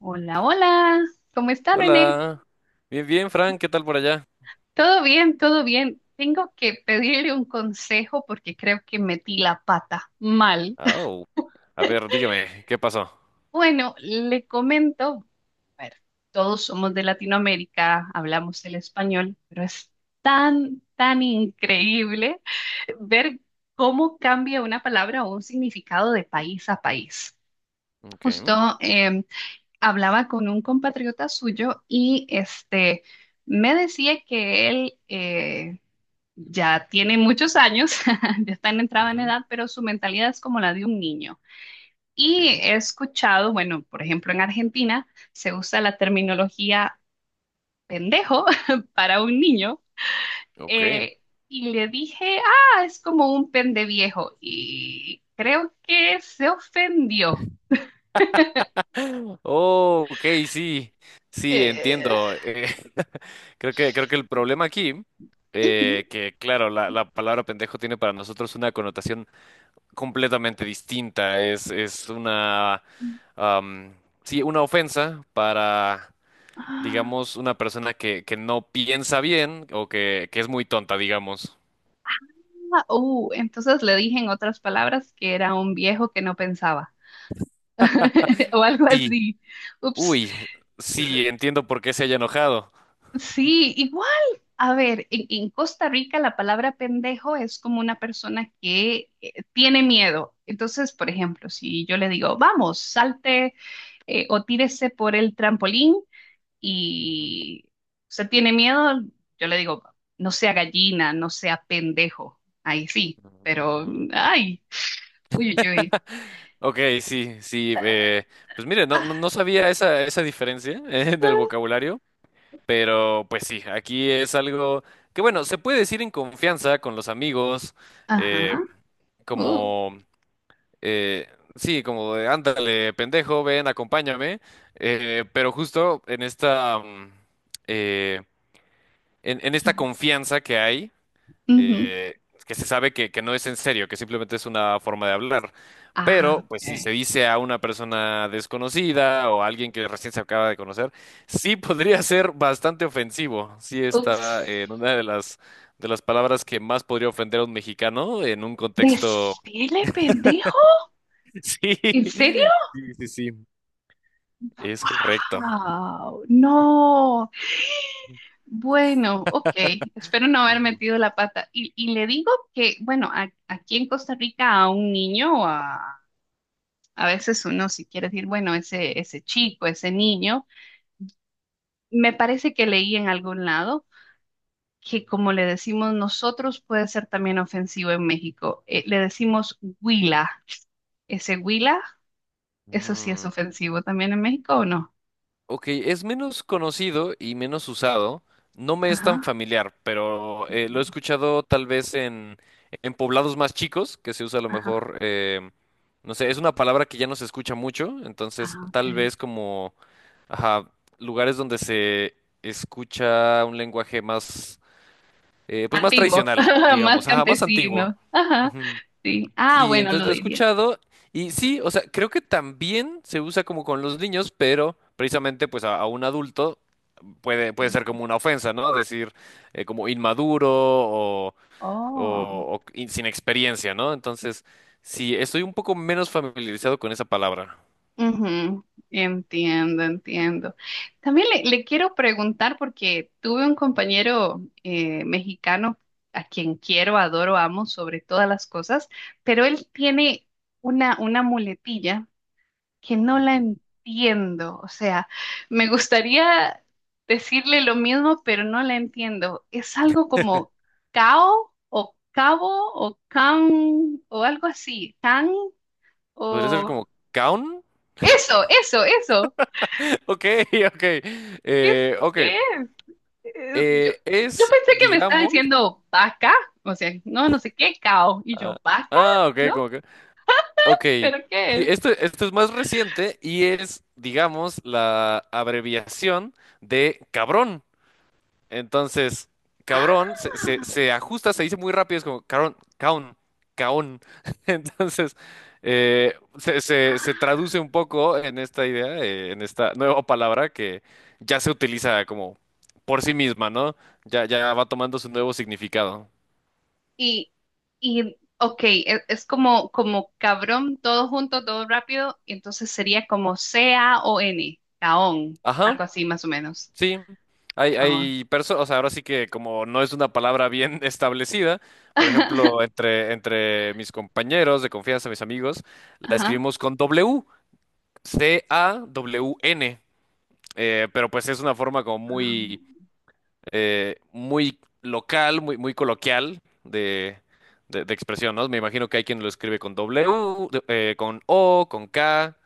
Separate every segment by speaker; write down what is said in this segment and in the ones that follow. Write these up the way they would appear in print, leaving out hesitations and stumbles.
Speaker 1: Hola, hola. ¿Cómo está, René?
Speaker 2: Hola. Bien, bien, Frank, ¿qué tal por allá?
Speaker 1: Todo bien, todo bien. Tengo que pedirle un consejo porque creo que metí la pata mal.
Speaker 2: Au. A ver, dígame, ¿qué pasó?
Speaker 1: Bueno, le comento, a ver, todos somos de Latinoamérica, hablamos el español, pero es tan increíble ver cómo cambia una palabra o un significado de país a país.
Speaker 2: Ok.
Speaker 1: Justo em, hablaba con un compatriota suyo y este me decía que él ya tiene muchos años, ya está en entrada en
Speaker 2: Ujú.
Speaker 1: edad, pero su mentalidad es como la de un niño. Y
Speaker 2: Ok.
Speaker 1: he escuchado, bueno, por ejemplo, en Argentina se usa la terminología pendejo para un niño.
Speaker 2: Ok.
Speaker 1: eh, y le dije, ah, es como un pende viejo. Y creo que se ofendió.
Speaker 2: Oh, ok, sí. Sí,
Speaker 1: Eh,
Speaker 2: entiendo. Creo que el problema aquí,
Speaker 1: ujú.
Speaker 2: que claro, la palabra pendejo tiene para nosotros una connotación completamente distinta. Es una, am, sí, una ofensa para,
Speaker 1: Ah,
Speaker 2: digamos, una persona que no piensa bien o que es muy tonta, digamos.
Speaker 1: entonces le dije en otras palabras que era un viejo que no pensaba o algo
Speaker 2: Sí,
Speaker 1: así. Ups.
Speaker 2: uy, sí, entiendo por qué se haya enojado.
Speaker 1: Sí, igual. A ver, en Costa Rica la palabra pendejo es como una persona que tiene miedo. Entonces, por ejemplo, si yo le digo, vamos, salte o tírese por el trampolín
Speaker 2: Ujú.
Speaker 1: y se tiene miedo, yo le digo, no sea gallina, no sea pendejo. Ahí sí, pero,
Speaker 2: Ah,
Speaker 1: ay, uy, uy, uy.
Speaker 2: ok, sí, sí, pues mire, no, no, no sabía esa, esa diferencia del vocabulario, pero pues sí, aquí es algo que bueno, se puede decir en confianza con los amigos,
Speaker 1: Ajá.
Speaker 2: eh,
Speaker 1: Uh,
Speaker 2: como, eh, sí, como de, ándale, pendejo, ven, acompáñame, pero justo en esta, eh, en esta confianza que hay.
Speaker 1: ujú.
Speaker 2: Eh, que se sabe que no es en serio, que simplemente es una forma de hablar.
Speaker 1: Ah,
Speaker 2: Pero, pues, si
Speaker 1: ok.
Speaker 2: se dice a una persona desconocida o a alguien que recién se acaba de conocer, sí podría ser bastante ofensivo. Sí
Speaker 1: Ups.
Speaker 2: está en una de las palabras que más podría ofender a un mexicano en un contexto.
Speaker 1: Decirle pendejo.
Speaker 2: Sí,
Speaker 1: ¿En serio?
Speaker 2: sí, sí, sí. Es correcto.
Speaker 1: ¡Wow! No. Bueno, ok. Espero no haber
Speaker 2: Ujú.
Speaker 1: metido la pata. Y le digo que, bueno, a- aquí en Costa Rica a un niño, a veces uno si quiere decir, bueno, ese chico, ese niño, me parece que leí en algún lado que como le decimos nosotros puede ser también ofensivo en México. Le decimos huila. Ese huila, eso sí es
Speaker 2: Mm,
Speaker 1: ofensivo también en México, ¿o no?
Speaker 2: ok, es menos conocido y menos usado. No me es tan
Speaker 1: Ajá,
Speaker 2: familiar, pero lo he escuchado tal vez en poblados más chicos, que se usa a lo
Speaker 1: ajá.
Speaker 2: mejor, no sé, es una palabra que ya no se escucha mucho, entonces
Speaker 1: Ah, ok.
Speaker 2: tal vez como, ajá, lugares donde se escucha un lenguaje más, pues más
Speaker 1: Antiguo,
Speaker 2: tradicional,
Speaker 1: más
Speaker 2: digamos, ajá, más antiguo.
Speaker 1: campesino. Ajá, sí. Ah,
Speaker 2: Sí,
Speaker 1: bueno,
Speaker 2: entonces
Speaker 1: lo
Speaker 2: lo he
Speaker 1: diría.
Speaker 2: escuchado y sí, o sea, creo que también se usa como con los niños, pero precisamente pues a un adulto puede, puede ser como una ofensa, ¿no? Decir como inmaduro o,
Speaker 1: Oh,
Speaker 2: sin experiencia, ¿no? Entonces, sí, estoy un poco menos familiarizado con esa palabra.
Speaker 1: ujú. Entiendo, entiendo. También le quiero preguntar porque tuve un compañero mexicano a quien quiero, adoro, amo sobre todas las cosas, pero él tiene una muletilla que no la entiendo. O sea, me gustaría decirle lo mismo, pero no la entiendo. Es algo como cao o cabo o can o algo así. Can
Speaker 2: ¿Podría ser
Speaker 1: o...
Speaker 2: como caun?
Speaker 1: Eso, eso, eso.
Speaker 2: Ok, ok.
Speaker 1: ¿Qué es?
Speaker 2: Ok.
Speaker 1: ¿Qué es? Eh, Yo, yo
Speaker 2: Es,
Speaker 1: pensé que me estaba
Speaker 2: digamos...
Speaker 1: diciendo vaca, o sea, no, no sé qué, cao. Y
Speaker 2: Ah,
Speaker 1: yo, vaca,
Speaker 2: ah, ok,
Speaker 1: ¿no?
Speaker 2: como que... Ok,
Speaker 1: ¿Pero qué
Speaker 2: sí,
Speaker 1: es?
Speaker 2: esto es más reciente y es, digamos, la abreviación de cabrón. Entonces,
Speaker 1: Ah,
Speaker 2: se ajusta, se dice muy rápido, es como cabrón, caón, caón. Entonces, se
Speaker 1: ah.
Speaker 2: traduce un poco en esta idea, en esta nueva palabra que ya se utiliza como por sí misma, ¿no? Ya, ya va tomando su nuevo significado.
Speaker 1: Y, y ok, e- es, como, como cabrón, todo junto, todo rápido, y entonces sería como C-A-O-N, caón,
Speaker 2: Ajá.
Speaker 1: algo así más o menos.
Speaker 2: Sí, hay,
Speaker 1: Caón.
Speaker 2: hay personas, o sea, ahora sí que como no es una palabra bien establecida, por ejemplo, entre, entre mis compañeros de confianza, mis amigos, la
Speaker 1: Ajá.
Speaker 2: escribimos con W, C-A-W-N, pero pues es una forma como
Speaker 1: Caón.
Speaker 2: muy, muy local, muy, muy coloquial de expresión, ¿no? Me imagino que hay quien lo escribe con W, de- con O, con K,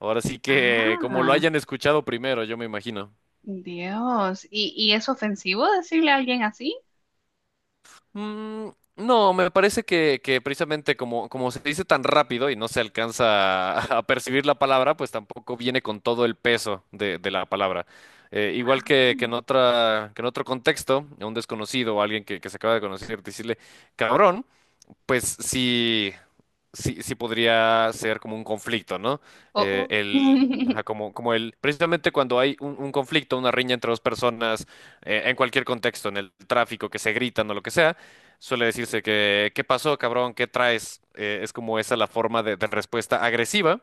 Speaker 2: ahora sí que como lo
Speaker 1: Ah,
Speaker 2: hayan escuchado primero, yo me imagino.
Speaker 1: Dios. ¿Y es ofensivo decirle a alguien así?
Speaker 2: Mm, no, me parece que precisamente como, como se dice tan rápido y no se alcanza a percibir la palabra, pues tampoco viene con todo el peso de la palabra. Igual
Speaker 1: Ah.
Speaker 2: que en otra, que en otro contexto, a un desconocido o a alguien que se acaba de conocer, decirle cabrón pues sí, sí, sí podría ser como un conflicto, ¿no?
Speaker 1: Oh, oh.
Speaker 2: Ajá, como, como el, precisamente cuando hay un conflicto, una riña entre dos personas, en cualquier contexto, en el tráfico, que se gritan o lo que sea, suele decirse que, ¿qué pasó, cabrón? ¿Qué traes? Es como esa la forma de respuesta agresiva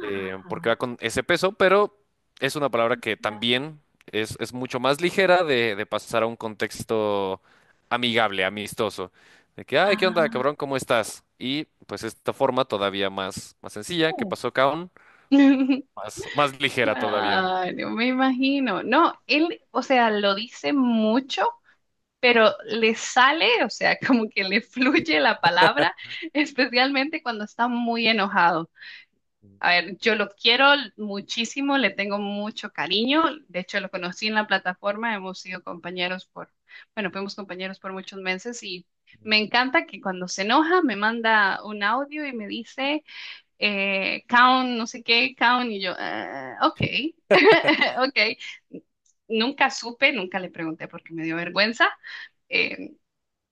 Speaker 2: porque va con ese peso, pero es una palabra que
Speaker 1: ya.
Speaker 2: también es mucho más ligera de pasar a un contexto amigable, amistoso. De que, ay, ¿qué onda,
Speaker 1: Ah.
Speaker 2: cabrón? ¿Cómo estás? Y pues esta forma todavía más, más sencilla, que
Speaker 1: Uh.
Speaker 2: pasó cabrón, más, más ligera todavía.
Speaker 1: Claro, me imagino. No, él, o sea, lo dice mucho, pero le sale, o sea, como que le fluye la palabra, especialmente cuando está muy enojado. A ver, yo lo quiero muchísimo, le tengo mucho cariño, de hecho lo conocí en la plataforma, hemos sido compañeros por, bueno, fuimos compañeros por muchos meses y me encanta que cuando se enoja me manda un audio y me dice, Count, no sé qué, Count, y yo, "Ah, ok, ok. Nunca supe, nunca le pregunté porque me dio vergüenza, eh,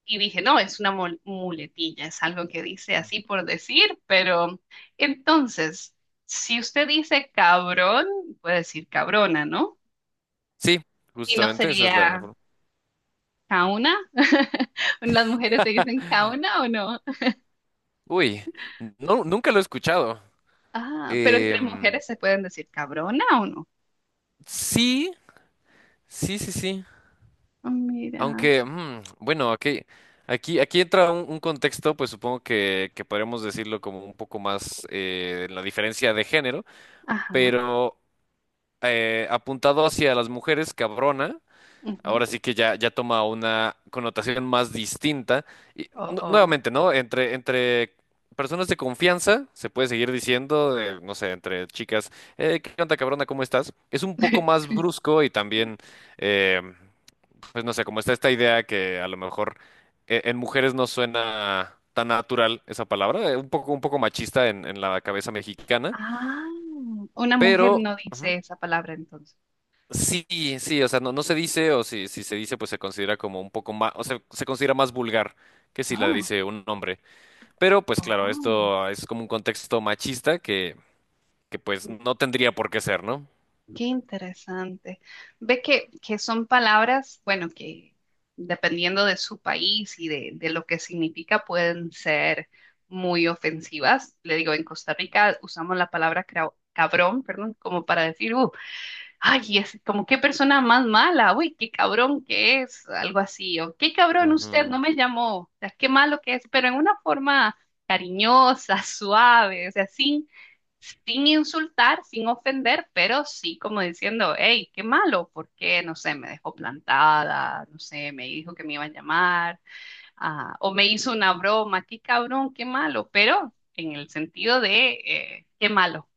Speaker 1: y dije, no, es una mul- muletilla, es algo que dice así por decir, pero entonces, si usted dice cabrón, puede decir cabrona, ¿no?
Speaker 2: Sí,
Speaker 1: Y no
Speaker 2: justamente esa es la
Speaker 1: sería
Speaker 2: forma.
Speaker 1: cauna. ¿Las mujeres se dicen cauna o no?
Speaker 2: Uy, no, nunca lo he escuchado.
Speaker 1: Ah, pero entre
Speaker 2: Em,
Speaker 1: mujeres se pueden decir cabrona o no.
Speaker 2: sí, sí, sí, sí.
Speaker 1: Ah, mira,
Speaker 2: Aunque, mm, bueno, aquí, aquí, aquí entra un contexto, pues supongo que podríamos decirlo como un poco más la diferencia de género,
Speaker 1: ajá,
Speaker 2: pero apuntado hacia las mujeres, cabrona.
Speaker 1: ujú.
Speaker 2: Ahora sí que ya, ya toma una connotación más distinta. Y
Speaker 1: Oh, oh.
Speaker 2: nuevamente, ¿no? Entre, entre personas de confianza, se puede seguir diciendo, no sé, entre chicas, ¿qué onda, cabrona? ¿Cómo estás? Es un poco más brusco y también, eh, pues no sé, como está esta idea que a lo mejor en mujeres no suena tan natural esa palabra, un poco machista en la cabeza mexicana,
Speaker 1: Ah, una mujer
Speaker 2: pero...
Speaker 1: no dice
Speaker 2: Ujú.
Speaker 1: esa palabra entonces.
Speaker 2: Sí, sí, o sea, no, no se dice, o si, si se dice, pues se considera como un poco más, o sea, se considera más vulgar que si la
Speaker 1: Oh,
Speaker 2: dice un hombre. Pero, pues claro,
Speaker 1: oh.
Speaker 2: esto es como un contexto machista que pues no tendría por qué ser, ¿no?
Speaker 1: Qué interesante. Ve que son palabras, bueno, que dependiendo de su país y de lo que significa, pueden ser muy ofensivas. Le digo, en Costa Rica usamos la palabra crao- cabrón, perdón, como para decir, ay, es como qué persona más mala, uy, qué cabrón que es, algo así, o qué cabrón usted
Speaker 2: Ujú,
Speaker 1: no me llamó, o sea, qué malo que es, pero en una forma cariñosa, suave, o sea, sin, sin insultar, sin ofender, pero sí como diciendo, hey, qué malo, porque, no sé, me dejó plantada, no sé, me dijo que me iba a llamar, ah, o me hizo una broma, qué cabrón, qué malo, pero en el sentido de, qué malo.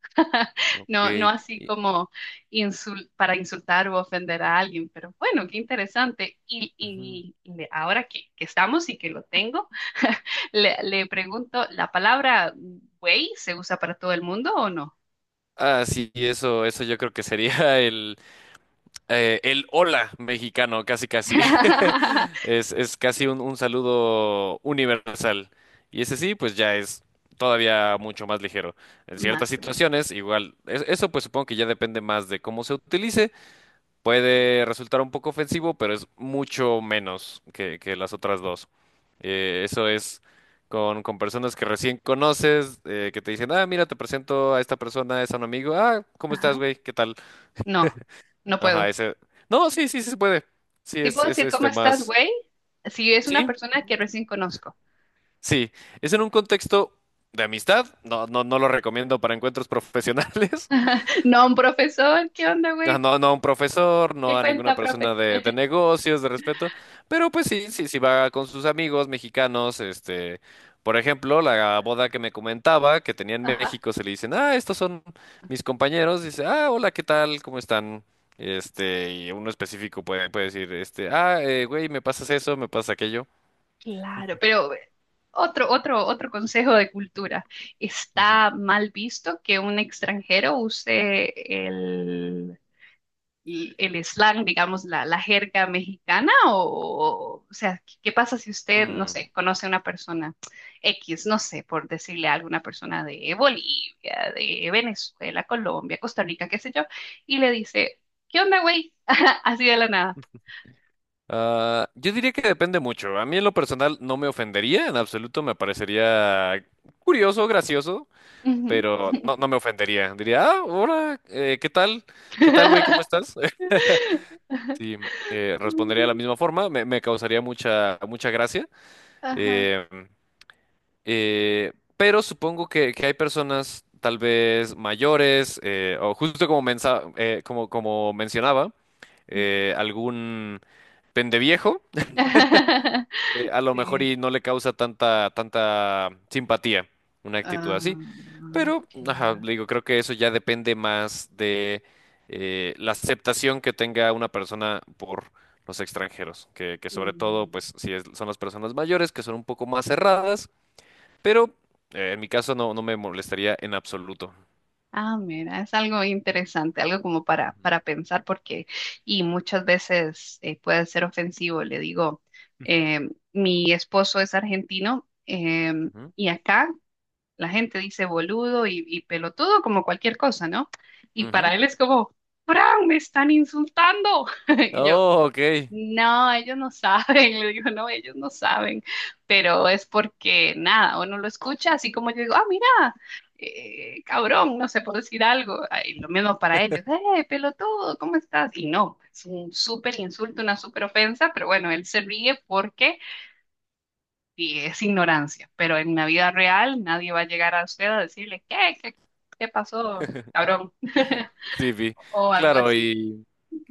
Speaker 1: No, no
Speaker 2: ok.
Speaker 1: así
Speaker 2: y-
Speaker 1: como insul- para insultar o ofender a alguien, pero bueno, qué interesante. Y,
Speaker 2: ujú.
Speaker 1: y le- ahora que estamos y que lo tengo, le pregunto, ¿la palabra güey se usa para todo el mundo o no?
Speaker 2: Ah, sí, eso yo creo que sería el hola mexicano, casi casi. Es casi un saludo universal. Y ese sí, pues ya es todavía mucho más ligero. En ciertas
Speaker 1: Más o menos.
Speaker 2: situaciones, igual, eso pues supongo que ya depende más de cómo se utilice. Puede resultar un poco ofensivo, pero es mucho menos que las otras dos. Eso es con personas que recién conoces, que te dicen, ah, mira, te presento a esta persona, es a un amigo. Ah, ¿cómo estás,
Speaker 1: Ajá.
Speaker 2: güey? ¿Qué tal?
Speaker 1: No, no
Speaker 2: Ajá,
Speaker 1: puedo.
Speaker 2: ese. No, sí, sí, sí se puede. Sí,
Speaker 1: Sí puedo
Speaker 2: es
Speaker 1: decir cómo
Speaker 2: este
Speaker 1: estás,
Speaker 2: más.
Speaker 1: güey, si es una
Speaker 2: Sí,
Speaker 1: persona que recién conozco.
Speaker 2: sí. Es en un contexto de amistad. No, no, no lo recomiendo para encuentros profesionales.
Speaker 1: No, un profesor, ¿qué onda,
Speaker 2: Ah,
Speaker 1: güey?
Speaker 2: no, no a un profesor, no
Speaker 1: ¿Qué
Speaker 2: a ninguna
Speaker 1: cuenta, profe?
Speaker 2: persona de negocios, de respeto, pero pues sí, sí, sí va con sus amigos mexicanos, este, por ejemplo, la boda que me comentaba, que tenía en
Speaker 1: Ajá.
Speaker 2: México, se le dicen, ah, estos son mis compañeros, dice, ah, hola, ¿qué tal? ¿Cómo están? Este, y uno específico puede, puede decir, este, güey, me pasas eso, me pasa aquello.
Speaker 1: Claro, pero otro, otro consejo de cultura.
Speaker 2: Ujú.
Speaker 1: Está mal visto que un extranjero use el slang, digamos, la jerga mexicana o sea, ¿qué, qué pasa si usted, no
Speaker 2: Mm.
Speaker 1: sé, conoce a una persona X, no sé, por decirle a alguna persona de Bolivia, de Venezuela, Colombia, Costa Rica, qué sé yo, y le dice, ¿qué onda, güey? Así de la nada.
Speaker 2: Ah, yo diría que depende mucho. A mí en lo personal no me ofendería, en absoluto me parecería curioso, gracioso.
Speaker 1: Ujú.
Speaker 2: Pero no, no me ofendería. Diría, ah, hola, ¿qué tal? ¿Qué tal, güey? ¿Cómo estás? Sí, respondería de la misma forma, me causaría mucha, mucha gracia.
Speaker 1: Ajá.
Speaker 2: eh, eh, pero supongo que hay personas tal vez mayores, o justo como, como, como mencionaba, algún pendeviejo, a lo mejor
Speaker 1: Sí.
Speaker 2: y no le causa tanta, tanta simpatía una actitud así.
Speaker 1: Ah,
Speaker 2: Pero, ajá,
Speaker 1: claro.
Speaker 2: le digo, creo que eso ya depende más de la aceptación que tenga una persona por los extranjeros, que sobre todo,
Speaker 1: Mm.
Speaker 2: pues, si son las personas mayores, que son un poco más cerradas, pero en mi caso no, no me molestaría en absoluto.
Speaker 1: Ah, mira, es algo interesante, algo como
Speaker 2: Ujú.
Speaker 1: para pensar, porque, y muchas veces puede ser ofensivo. Le digo, mi esposo es argentino,
Speaker 2: Ujú,
Speaker 1: y acá la gente dice boludo y pelotudo como cualquier cosa, ¿no? Y para
Speaker 2: ujú.
Speaker 1: él es como, Fran, me están insultando. Y yo,
Speaker 2: Oh, ok.
Speaker 1: no, ellos no saben, le digo, no, ellos no saben, pero es porque nada, uno lo escucha así como yo digo, ah, mira, cabrón, no sé, por decir algo, y lo mismo para ellos, pelotudo, ¿cómo estás? Y no, es un súper insulto, una súper ofensa, pero bueno, él se ríe porque y es ignorancia, pero en la vida real nadie va a llegar a usted a decirle, ¿qué? ¿Qué, qué pasó, cabrón?
Speaker 2: Sí, vi.
Speaker 1: o algo
Speaker 2: Claro,
Speaker 1: así.
Speaker 2: y...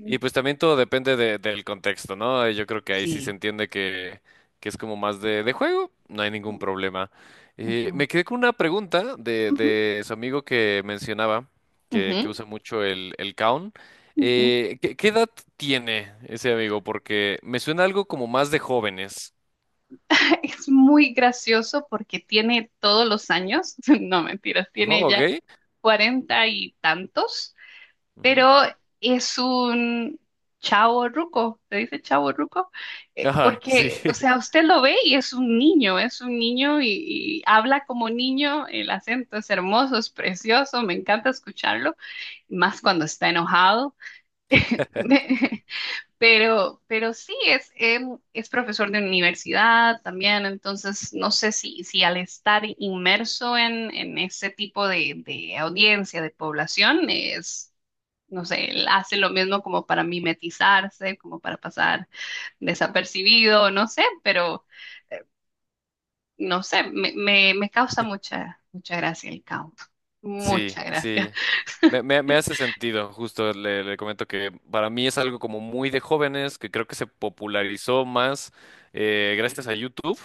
Speaker 2: Y pues también todo depende del contexto, ¿no? Yo creo que ahí sí se
Speaker 1: Sí.
Speaker 2: entiende que es como más de juego, no hay ningún
Speaker 1: Ujú,
Speaker 2: problema. Me quedé con una pregunta
Speaker 1: ujú,
Speaker 2: de su amigo que mencionaba, que
Speaker 1: ujú,
Speaker 2: usa mucho el Kaun.
Speaker 1: ujú.
Speaker 2: ¿ qué edad tiene ese amigo? Porque me suena algo como más de jóvenes,
Speaker 1: Es muy gracioso porque tiene todos los años, no mentiras,
Speaker 2: ¿no?
Speaker 1: tiene
Speaker 2: ¿Ok?
Speaker 1: ya cuarenta y tantos,
Speaker 2: Ujú.
Speaker 1: pero es un chavo ruco, se dice chavo ruco.
Speaker 2: Ajá, sí.
Speaker 1: Porque, o sea, usted lo ve y es un niño y habla como niño, el acento es hermoso, es precioso, me encanta escucharlo, más cuando está enojado. Pero sí, es, es profesor de universidad también, entonces no sé si, si al estar inmerso en ese tipo de audiencia, de población, es, no sé, él hace lo mismo como para mimetizarse, como para pasar desapercibido, no sé, pero no sé, me causa mucha gracia el count,
Speaker 2: Sí,
Speaker 1: mucha gracia.
Speaker 2: sí. Me hace sentido, justo le, le comento que para mí es algo como muy de jóvenes, que creo que se popularizó más gracias a YouTube.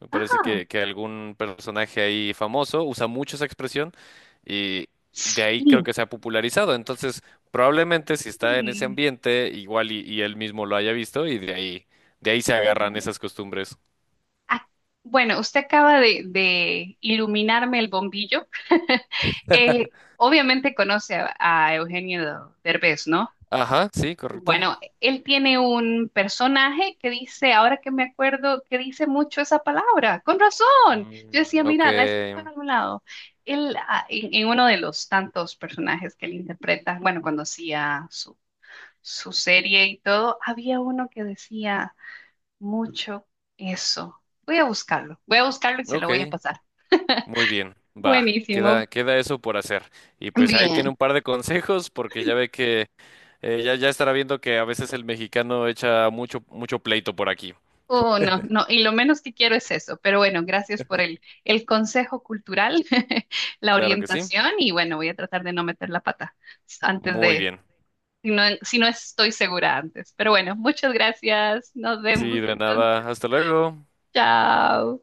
Speaker 2: Me parece
Speaker 1: Ah,
Speaker 2: que algún personaje ahí famoso usa mucho esa expresión y de ahí creo
Speaker 1: sí.
Speaker 2: que se ha popularizado. Entonces, probablemente si está en ese ambiente, igual y él mismo lo haya visto y de ahí se agarran esas costumbres.
Speaker 1: Ah, bueno, usted acaba de iluminarme el bombillo. Obviamente conoce a Eugenio Derbez, ¿no?
Speaker 2: Ajá, sí, correcto.
Speaker 1: Bueno, él tiene un personaje que dice, ahora que me acuerdo, que dice mucho esa palabra, con razón. Yo
Speaker 2: Mm,
Speaker 1: decía,
Speaker 2: ok,
Speaker 1: mira, la he escuchado en algún lado. Él, ah, en uno de los tantos personajes que él interpreta, bueno, cuando hacía su, su serie y todo, había uno que decía mucho eso. Voy a buscarlo y se lo
Speaker 2: ok.
Speaker 1: voy a pasar.
Speaker 2: Muy bien, va, queda,
Speaker 1: Buenísimo.
Speaker 2: queda eso por hacer. Y pues ahí tiene
Speaker 1: Bien.
Speaker 2: un par de consejos, porque ya ve que ya, ya estará viendo que a veces el mexicano echa mucho, mucho pleito por aquí.
Speaker 1: Oh, no, no, y lo menos que quiero es eso, pero bueno, gracias por el consejo cultural, la
Speaker 2: Claro que sí.
Speaker 1: orientación y bueno, voy a tratar de no meter la pata antes
Speaker 2: Muy
Speaker 1: de,
Speaker 2: bien.
Speaker 1: si no, si no estoy segura antes, pero bueno, muchas gracias, nos
Speaker 2: Sí,
Speaker 1: vemos
Speaker 2: de
Speaker 1: entonces,
Speaker 2: nada. Hasta luego.
Speaker 1: chao.